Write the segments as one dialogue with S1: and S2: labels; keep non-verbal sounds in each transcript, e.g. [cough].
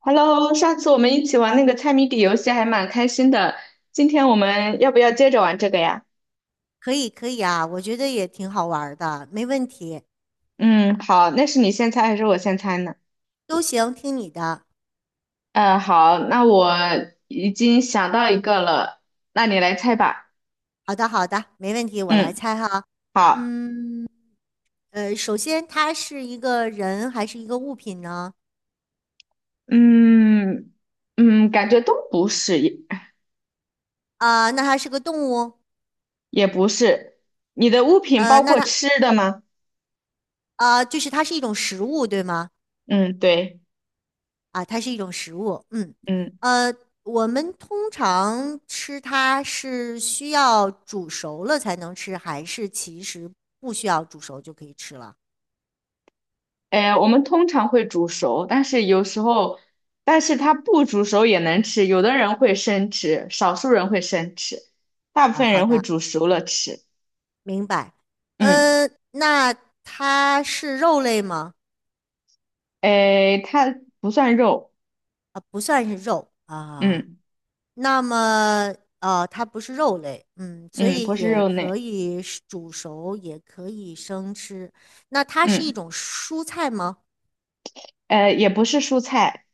S1: Hello，上次我们一起玩那个猜谜底游戏还蛮开心的，今天我们要不要接着玩这个呀？
S2: 可以，可以啊，我觉得也挺好玩儿的，没问题，
S1: 嗯，好，那是你先猜还是我先猜呢？
S2: 都行，听你的。
S1: 好，那我已经想到一个了，那你来猜吧。
S2: 好的，好的，没问题，我来
S1: 嗯，
S2: 猜哈。
S1: 好，
S2: 嗯，首先它是一个人还是一个物品呢？
S1: 嗯嗯，感觉都不是，也
S2: 啊、那它是个动物？
S1: 也不是。你的物品
S2: 呃，
S1: 包
S2: 那
S1: 括
S2: 它
S1: 吃的吗？
S2: 啊，就是它是一种食物，对吗？
S1: 嗯，对，
S2: 啊，它是一种食物。嗯，
S1: 嗯。
S2: 呃，我们通常吃它是需要煮熟了才能吃，还是其实不需要煮熟就可以吃了？
S1: 哎，我们通常会煮熟，但是有时候，但是它不煮熟也能吃。有的人会生吃，少数人会生吃，大部
S2: 啊，
S1: 分
S2: 好
S1: 人会
S2: 的。
S1: 煮熟了吃。
S2: 明白。
S1: 嗯，
S2: 嗯，那它是肉类吗？
S1: 哎，它不算肉，
S2: 啊，不算是肉啊。
S1: 嗯
S2: 那么，它不是肉类，嗯，所
S1: 嗯，不
S2: 以
S1: 是
S2: 也
S1: 肉
S2: 可
S1: 类，
S2: 以是煮熟，也可以生吃。那它是一
S1: 嗯，
S2: 种蔬菜吗？
S1: 也不是蔬菜，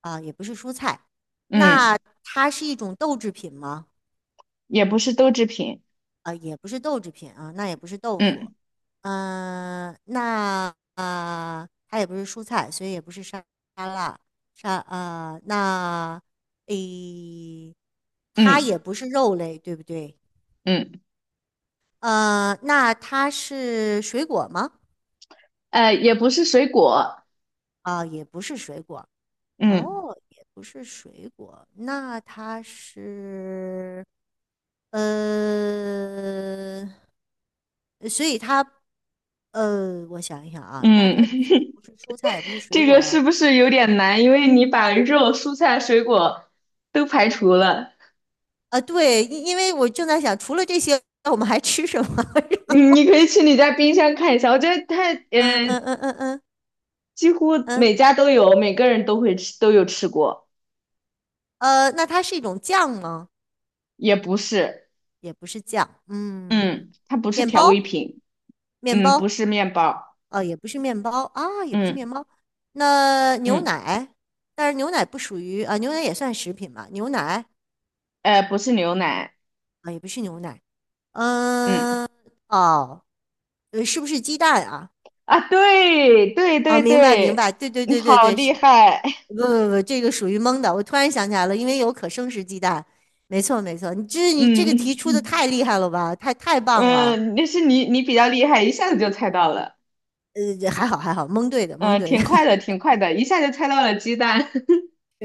S2: 啊，也不是蔬菜。
S1: 嗯，
S2: 那它是一种豆制品吗？
S1: 也不是豆制品，
S2: 啊，也不是豆制品啊，那也不是豆腐，
S1: 嗯
S2: 嗯、那啊、它也不是蔬菜，所以也不是沙拉，沙呃，那诶，它也
S1: 嗯
S2: 不是肉类，对不对？
S1: 嗯，
S2: 那它是水果吗？
S1: 也不是水果，
S2: 啊、也不是水果，
S1: 嗯
S2: 哦，也不是水果，那它是呃。所以它呃，我想一想啊，那
S1: 嗯，
S2: 它既不是蔬菜，也不是
S1: [laughs]
S2: 水
S1: 这
S2: 果
S1: 个
S2: 啊，
S1: 是不是有点难？因为你把肉、蔬菜、水果都排除了。
S2: 啊，对，因为我正在想，除了这些，我们还吃什么？
S1: 你
S2: [laughs]
S1: 你可以去你家冰箱看一下，我觉得它
S2: 嗯嗯嗯嗯嗯
S1: 几乎
S2: 嗯，
S1: 每家都有，每个人都会吃，都有吃过，
S2: 那它是一种酱吗？
S1: 也不是，
S2: 也不是酱，嗯，
S1: 嗯，它不是
S2: 面
S1: 调味
S2: 包，
S1: 品，
S2: 面
S1: 嗯，不
S2: 包，
S1: 是面包，
S2: 也不是面包啊，也不是
S1: 嗯
S2: 面包。那牛
S1: 嗯，
S2: 奶，但是牛奶不属于啊、牛奶也算食品吧？
S1: 不是牛奶，
S2: 啊、也不是牛奶，
S1: 嗯
S2: 嗯、哦，是不是鸡蛋啊？
S1: 啊，对对
S2: 啊，
S1: 对
S2: 明白明
S1: 对，
S2: 白，对对
S1: 你
S2: 对对
S1: 好
S2: 对，
S1: 厉
S2: 是
S1: 害，
S2: 不不不，这个属于蒙的。我突然想起来了，因为有可生食鸡蛋。没错没错，
S1: [laughs]
S2: 你这个题出的
S1: 嗯
S2: 太厉害了吧，太棒了。
S1: 嗯，那是你比较厉害，一下子就猜到了，
S2: 还好还好，蒙对的蒙
S1: 嗯，
S2: 对的，
S1: 挺快的，挺快的，一下就猜到了鸡蛋，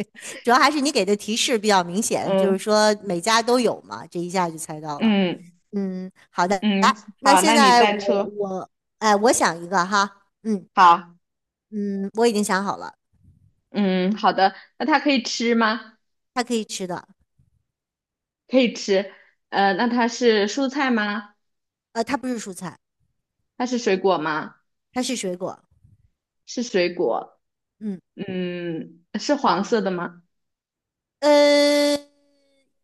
S2: [laughs] 主要还是你给的提示比较明
S1: [laughs]
S2: 显，就是
S1: 嗯
S2: 说每家都有嘛，这一下就猜到了。
S1: 嗯
S2: 嗯，好的，
S1: 嗯，
S2: 来，那
S1: 好，
S2: 现
S1: 那你
S2: 在
S1: 再
S2: 我
S1: 出，
S2: 我哎，我想一个哈，
S1: 好。
S2: 嗯，我已经想好了，
S1: 嗯，好的。那它可以吃吗？
S2: 它可以吃的，
S1: 可以吃。那它是蔬菜吗？
S2: 它不是蔬菜，
S1: 它是水果吗？
S2: 它是水果。
S1: 是水果。
S2: 嗯。
S1: 嗯，是黄色的吗？
S2: 呃，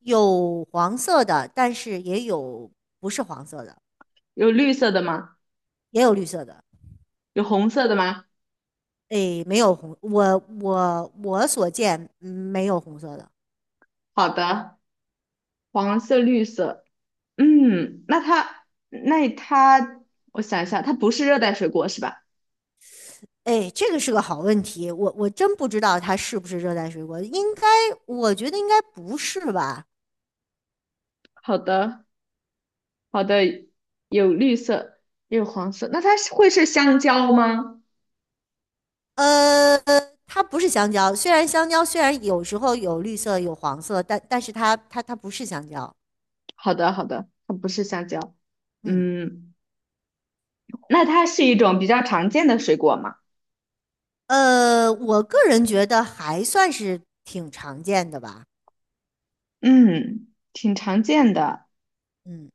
S2: 有黄色的，但是也有不是黄色的，
S1: 有绿色的吗？
S2: 也有绿色的。
S1: 有红色的吗？
S2: 哎，没有红，我所见没有红色的。
S1: 好的，黄色、绿色。嗯，那它，那它，我想一下，它不是热带水果是吧？
S2: 哎，这个是个好问题，我真不知道它是不是热带水果，我觉得应该不是吧？
S1: 好的，好的，有绿色，也有黄色。那它是会是香蕉吗？
S2: 呃，它不是香蕉，虽然香蕉有时候有绿色有黄色，但是它不是香蕉。
S1: 好的，好的，它不是香蕉。
S2: 嗯，
S1: 嗯。那它是一种比较常见的水果吗？
S2: 我个人觉得还算是挺常见的吧。
S1: 嗯，挺常见的。
S2: 嗯，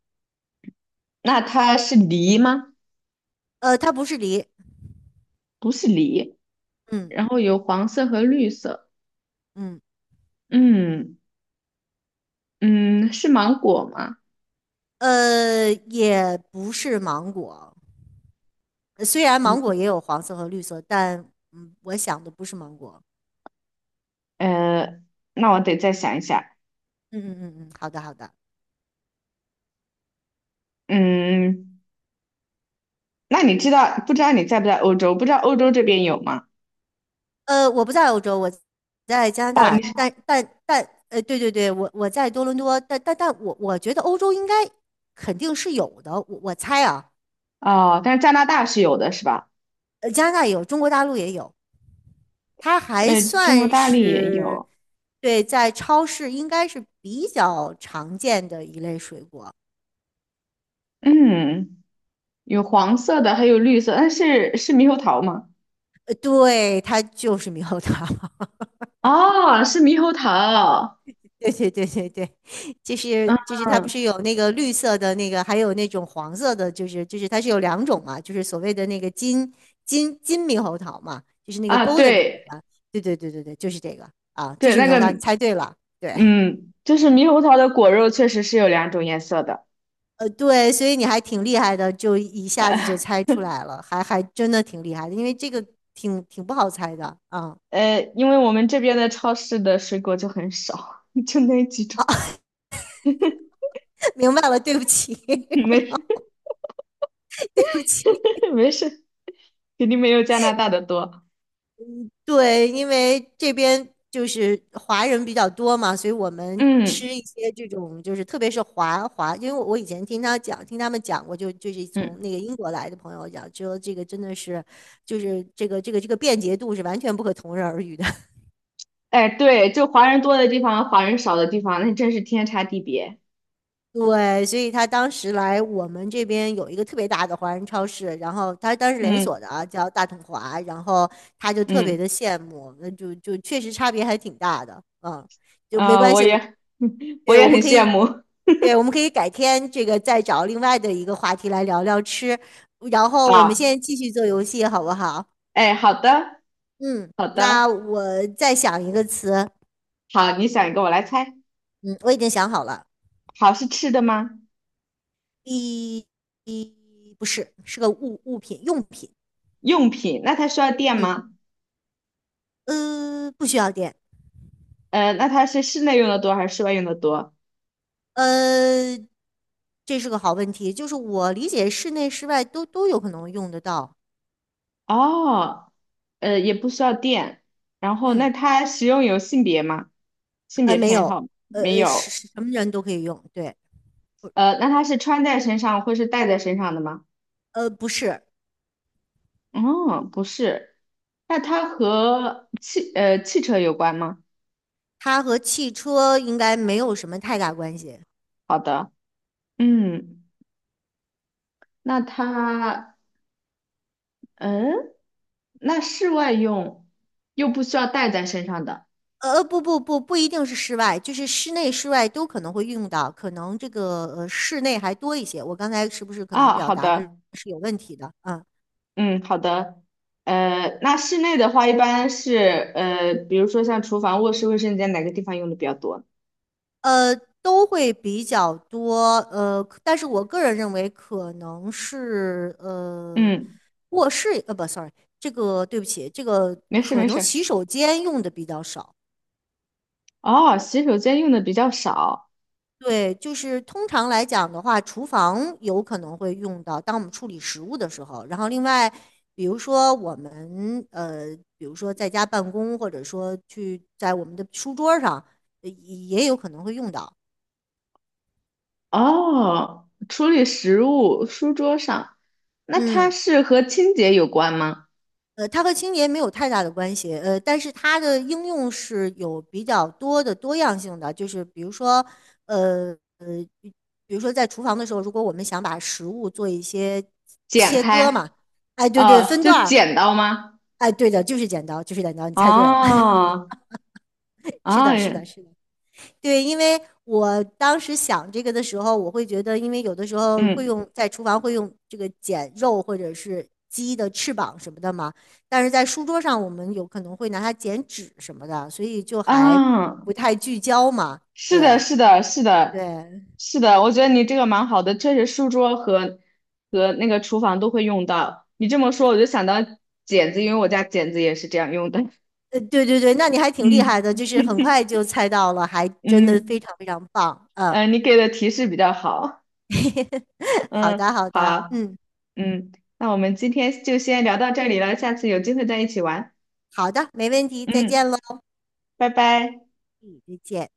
S1: 那它是梨吗？
S2: 它不是梨，
S1: 不是梨，
S2: 嗯
S1: 然后有黄色和绿色。
S2: 嗯，
S1: 嗯嗯，是芒果吗？
S2: 也不是芒果。虽然
S1: 嗯
S2: 芒果也有黄色和绿色，但嗯，我想的不是芒果。
S1: 呃，那我得再想一下。
S2: 嗯嗯嗯嗯，好的好的。
S1: 嗯，那你知道不知道你在不在欧洲？不知道欧洲这边有吗？
S2: 我不在欧洲，我在加拿
S1: 哦，
S2: 大，
S1: 你是
S2: 但，对对对，我在多伦多，但我觉得欧洲应该肯定是有的，我猜啊，
S1: 哦，但是加拿大是有的，是吧？
S2: 加拿大也有，中国大陆也有。它还
S1: 中国
S2: 算
S1: 大陆也
S2: 是
S1: 有。
S2: 对，在超市应该是比较常见的一类水果。
S1: 嗯，有黄色的，还有绿色。但是是猕猴桃吗？
S2: 对，它就是猕猴桃。[laughs]
S1: 哦，是猕猴桃，
S2: 对对对对对，就是它不
S1: 嗯
S2: 是有那个绿色的那个，还有那种黄色的，就是它是有两种嘛，就是所谓的那个金猕猴桃嘛，就是那个
S1: 啊，
S2: golden 的那
S1: 对
S2: 个。对对对对对，就是这个啊，就
S1: 对，
S2: 是
S1: 那
S2: 猕猴桃，你
S1: 个
S2: 猜对了。对。
S1: 嗯，就是猕猴桃的果肉确实是有两种颜色的，
S2: 对，所以你还挺厉害的，就一下子就
S1: 呃
S2: 猜出来了，还真的挺厉害的，因为这个挺不好猜的啊。
S1: 因为我们这边的超市的水果就很少，[laughs] 就那几种，
S2: [laughs] 明白了，对不起，
S1: [laughs] 没
S2: [laughs]
S1: 事
S2: 对不起。
S1: 没事，肯定没有加拿大的多，
S2: 对，因为这边就是华人比较多嘛，所以我们
S1: 嗯
S2: 吃一些这种，就是特别是，因为我以前听他讲，听他们讲过，就是从
S1: 嗯，
S2: 那个英国来的朋友讲，说这个真的是，就是这个便捷度是完全不可同日而语的。
S1: 哎，对，就华人多的地方，华人少的地方，那真是天差地别，
S2: 对，所以他当时来我们这边有一个特别大的华人超市，然后他当时连
S1: 嗯
S2: 锁的啊，叫大统华，然后他就特别的
S1: 嗯，
S2: 羡慕，就确实差别还挺大的，嗯，就没
S1: 啊，
S2: 关
S1: 我
S2: 系，
S1: 也 [laughs] 我
S2: 对，
S1: 也
S2: 我
S1: 很
S2: 们可
S1: 羡
S2: 以，
S1: 慕，
S2: 对，我们可以改天这个再找另外的一个话题来聊聊吃，然后我们
S1: 好，
S2: 现在继续做游戏好不好？
S1: 哎，好的
S2: 嗯，
S1: 好
S2: 那
S1: 的。
S2: 我再想一个词，
S1: 好，你想一个，我来猜。
S2: 嗯，我已经想好了，
S1: 好，是吃的吗？
S2: 一，一不是，是个物品用品。
S1: 用品，那它需要电
S2: 嗯，
S1: 吗？
S2: 不需要电，
S1: 那它是室内用的多还是室外用的多？
S2: 呃，这是个好问题，就是我理解室内室外都有可能用得到，
S1: 哦，也不需要电。然后，那
S2: 嗯，
S1: 它使用有性别吗？性别
S2: 没
S1: 偏
S2: 有，
S1: 好没
S2: 是
S1: 有。
S2: 是什么人都可以用，对，
S1: 那它是穿在身上或是戴在身上的吗？
S2: 不是，
S1: 哦，不是。那它和汽车有关吗？
S2: 它和汽车应该没有什么太大关系，
S1: 好的，嗯，那它嗯，那室外用又不需要带在身上的。
S2: 不不不，不一定是室外，就是室内室外都可能会用到，可能这个室内还多一些，我刚才是不是可能
S1: 啊，
S2: 表
S1: 好
S2: 达的
S1: 的，
S2: 是有问题的？嗯
S1: 嗯，好的，那室内的话，一般是比如说像厨房、卧室、卫生间哪个地方用的比较多？
S2: 呃，都会比较多，但是我个人认为可能是
S1: 嗯，
S2: 卧室，呃，不，sorry，这个对不起，这个
S1: 没事
S2: 可
S1: 没
S2: 能
S1: 事。
S2: 洗手间用的比较少。
S1: 哦，洗手间用的比较少。
S2: 对，就是通常来讲的话，厨房有可能会用到，当我们处理食物的时候。然后另外，比如说我们呃，比如说在家办公，或者说去在我们的书桌上，也也有可能会用到。
S1: 哦，处理食物，书桌上，那它
S2: 嗯。
S1: 是和清洁有关吗？
S2: 它和清洁没有太大的关系，但是它的应用是有比较多的多样性的，就是比如说，呃呃，比如说在厨房的时候，如果我们想把食物做一些
S1: 剪
S2: 切割
S1: 开，
S2: 嘛，哎，对对，分段
S1: 就
S2: 儿，
S1: 剪刀吗？
S2: 哎，对的，就是剪刀，你猜对了，
S1: 哦，
S2: [laughs] 是
S1: 哦，
S2: 的，是的，
S1: 嗯，
S2: 是的。对，因为我当时想这个的时候，我会觉得，因为有的时候会
S1: 嗯
S2: 用在厨房会用这个剪肉或者是鸡的翅膀什么的嘛，但是在书桌上我们有可能会拿它剪纸什么的，所以就还
S1: 啊。
S2: 不太聚焦嘛。
S1: 是的，
S2: 对
S1: 是的，是的，
S2: 对，
S1: 是的，我觉得你这个蛮好的，确实书桌和那个厨房都会用到。你这么说，我就想到剪子，因为我家剪子也是这样用的。[laughs]
S2: 对对对，那你还挺厉害的，
S1: 嗯
S2: 就是很快就猜到了，还真的非
S1: 嗯
S2: 常非常棒。嗯，
S1: 你给的提示比较好。
S2: [laughs] 好
S1: 嗯，
S2: 的好的，
S1: 好，
S2: 嗯，
S1: 嗯，那我们今天就先聊到这里了，下次有机会再一起玩。
S2: 好的，没问题，再
S1: 嗯，
S2: 见喽，
S1: 拜拜。
S2: 再见。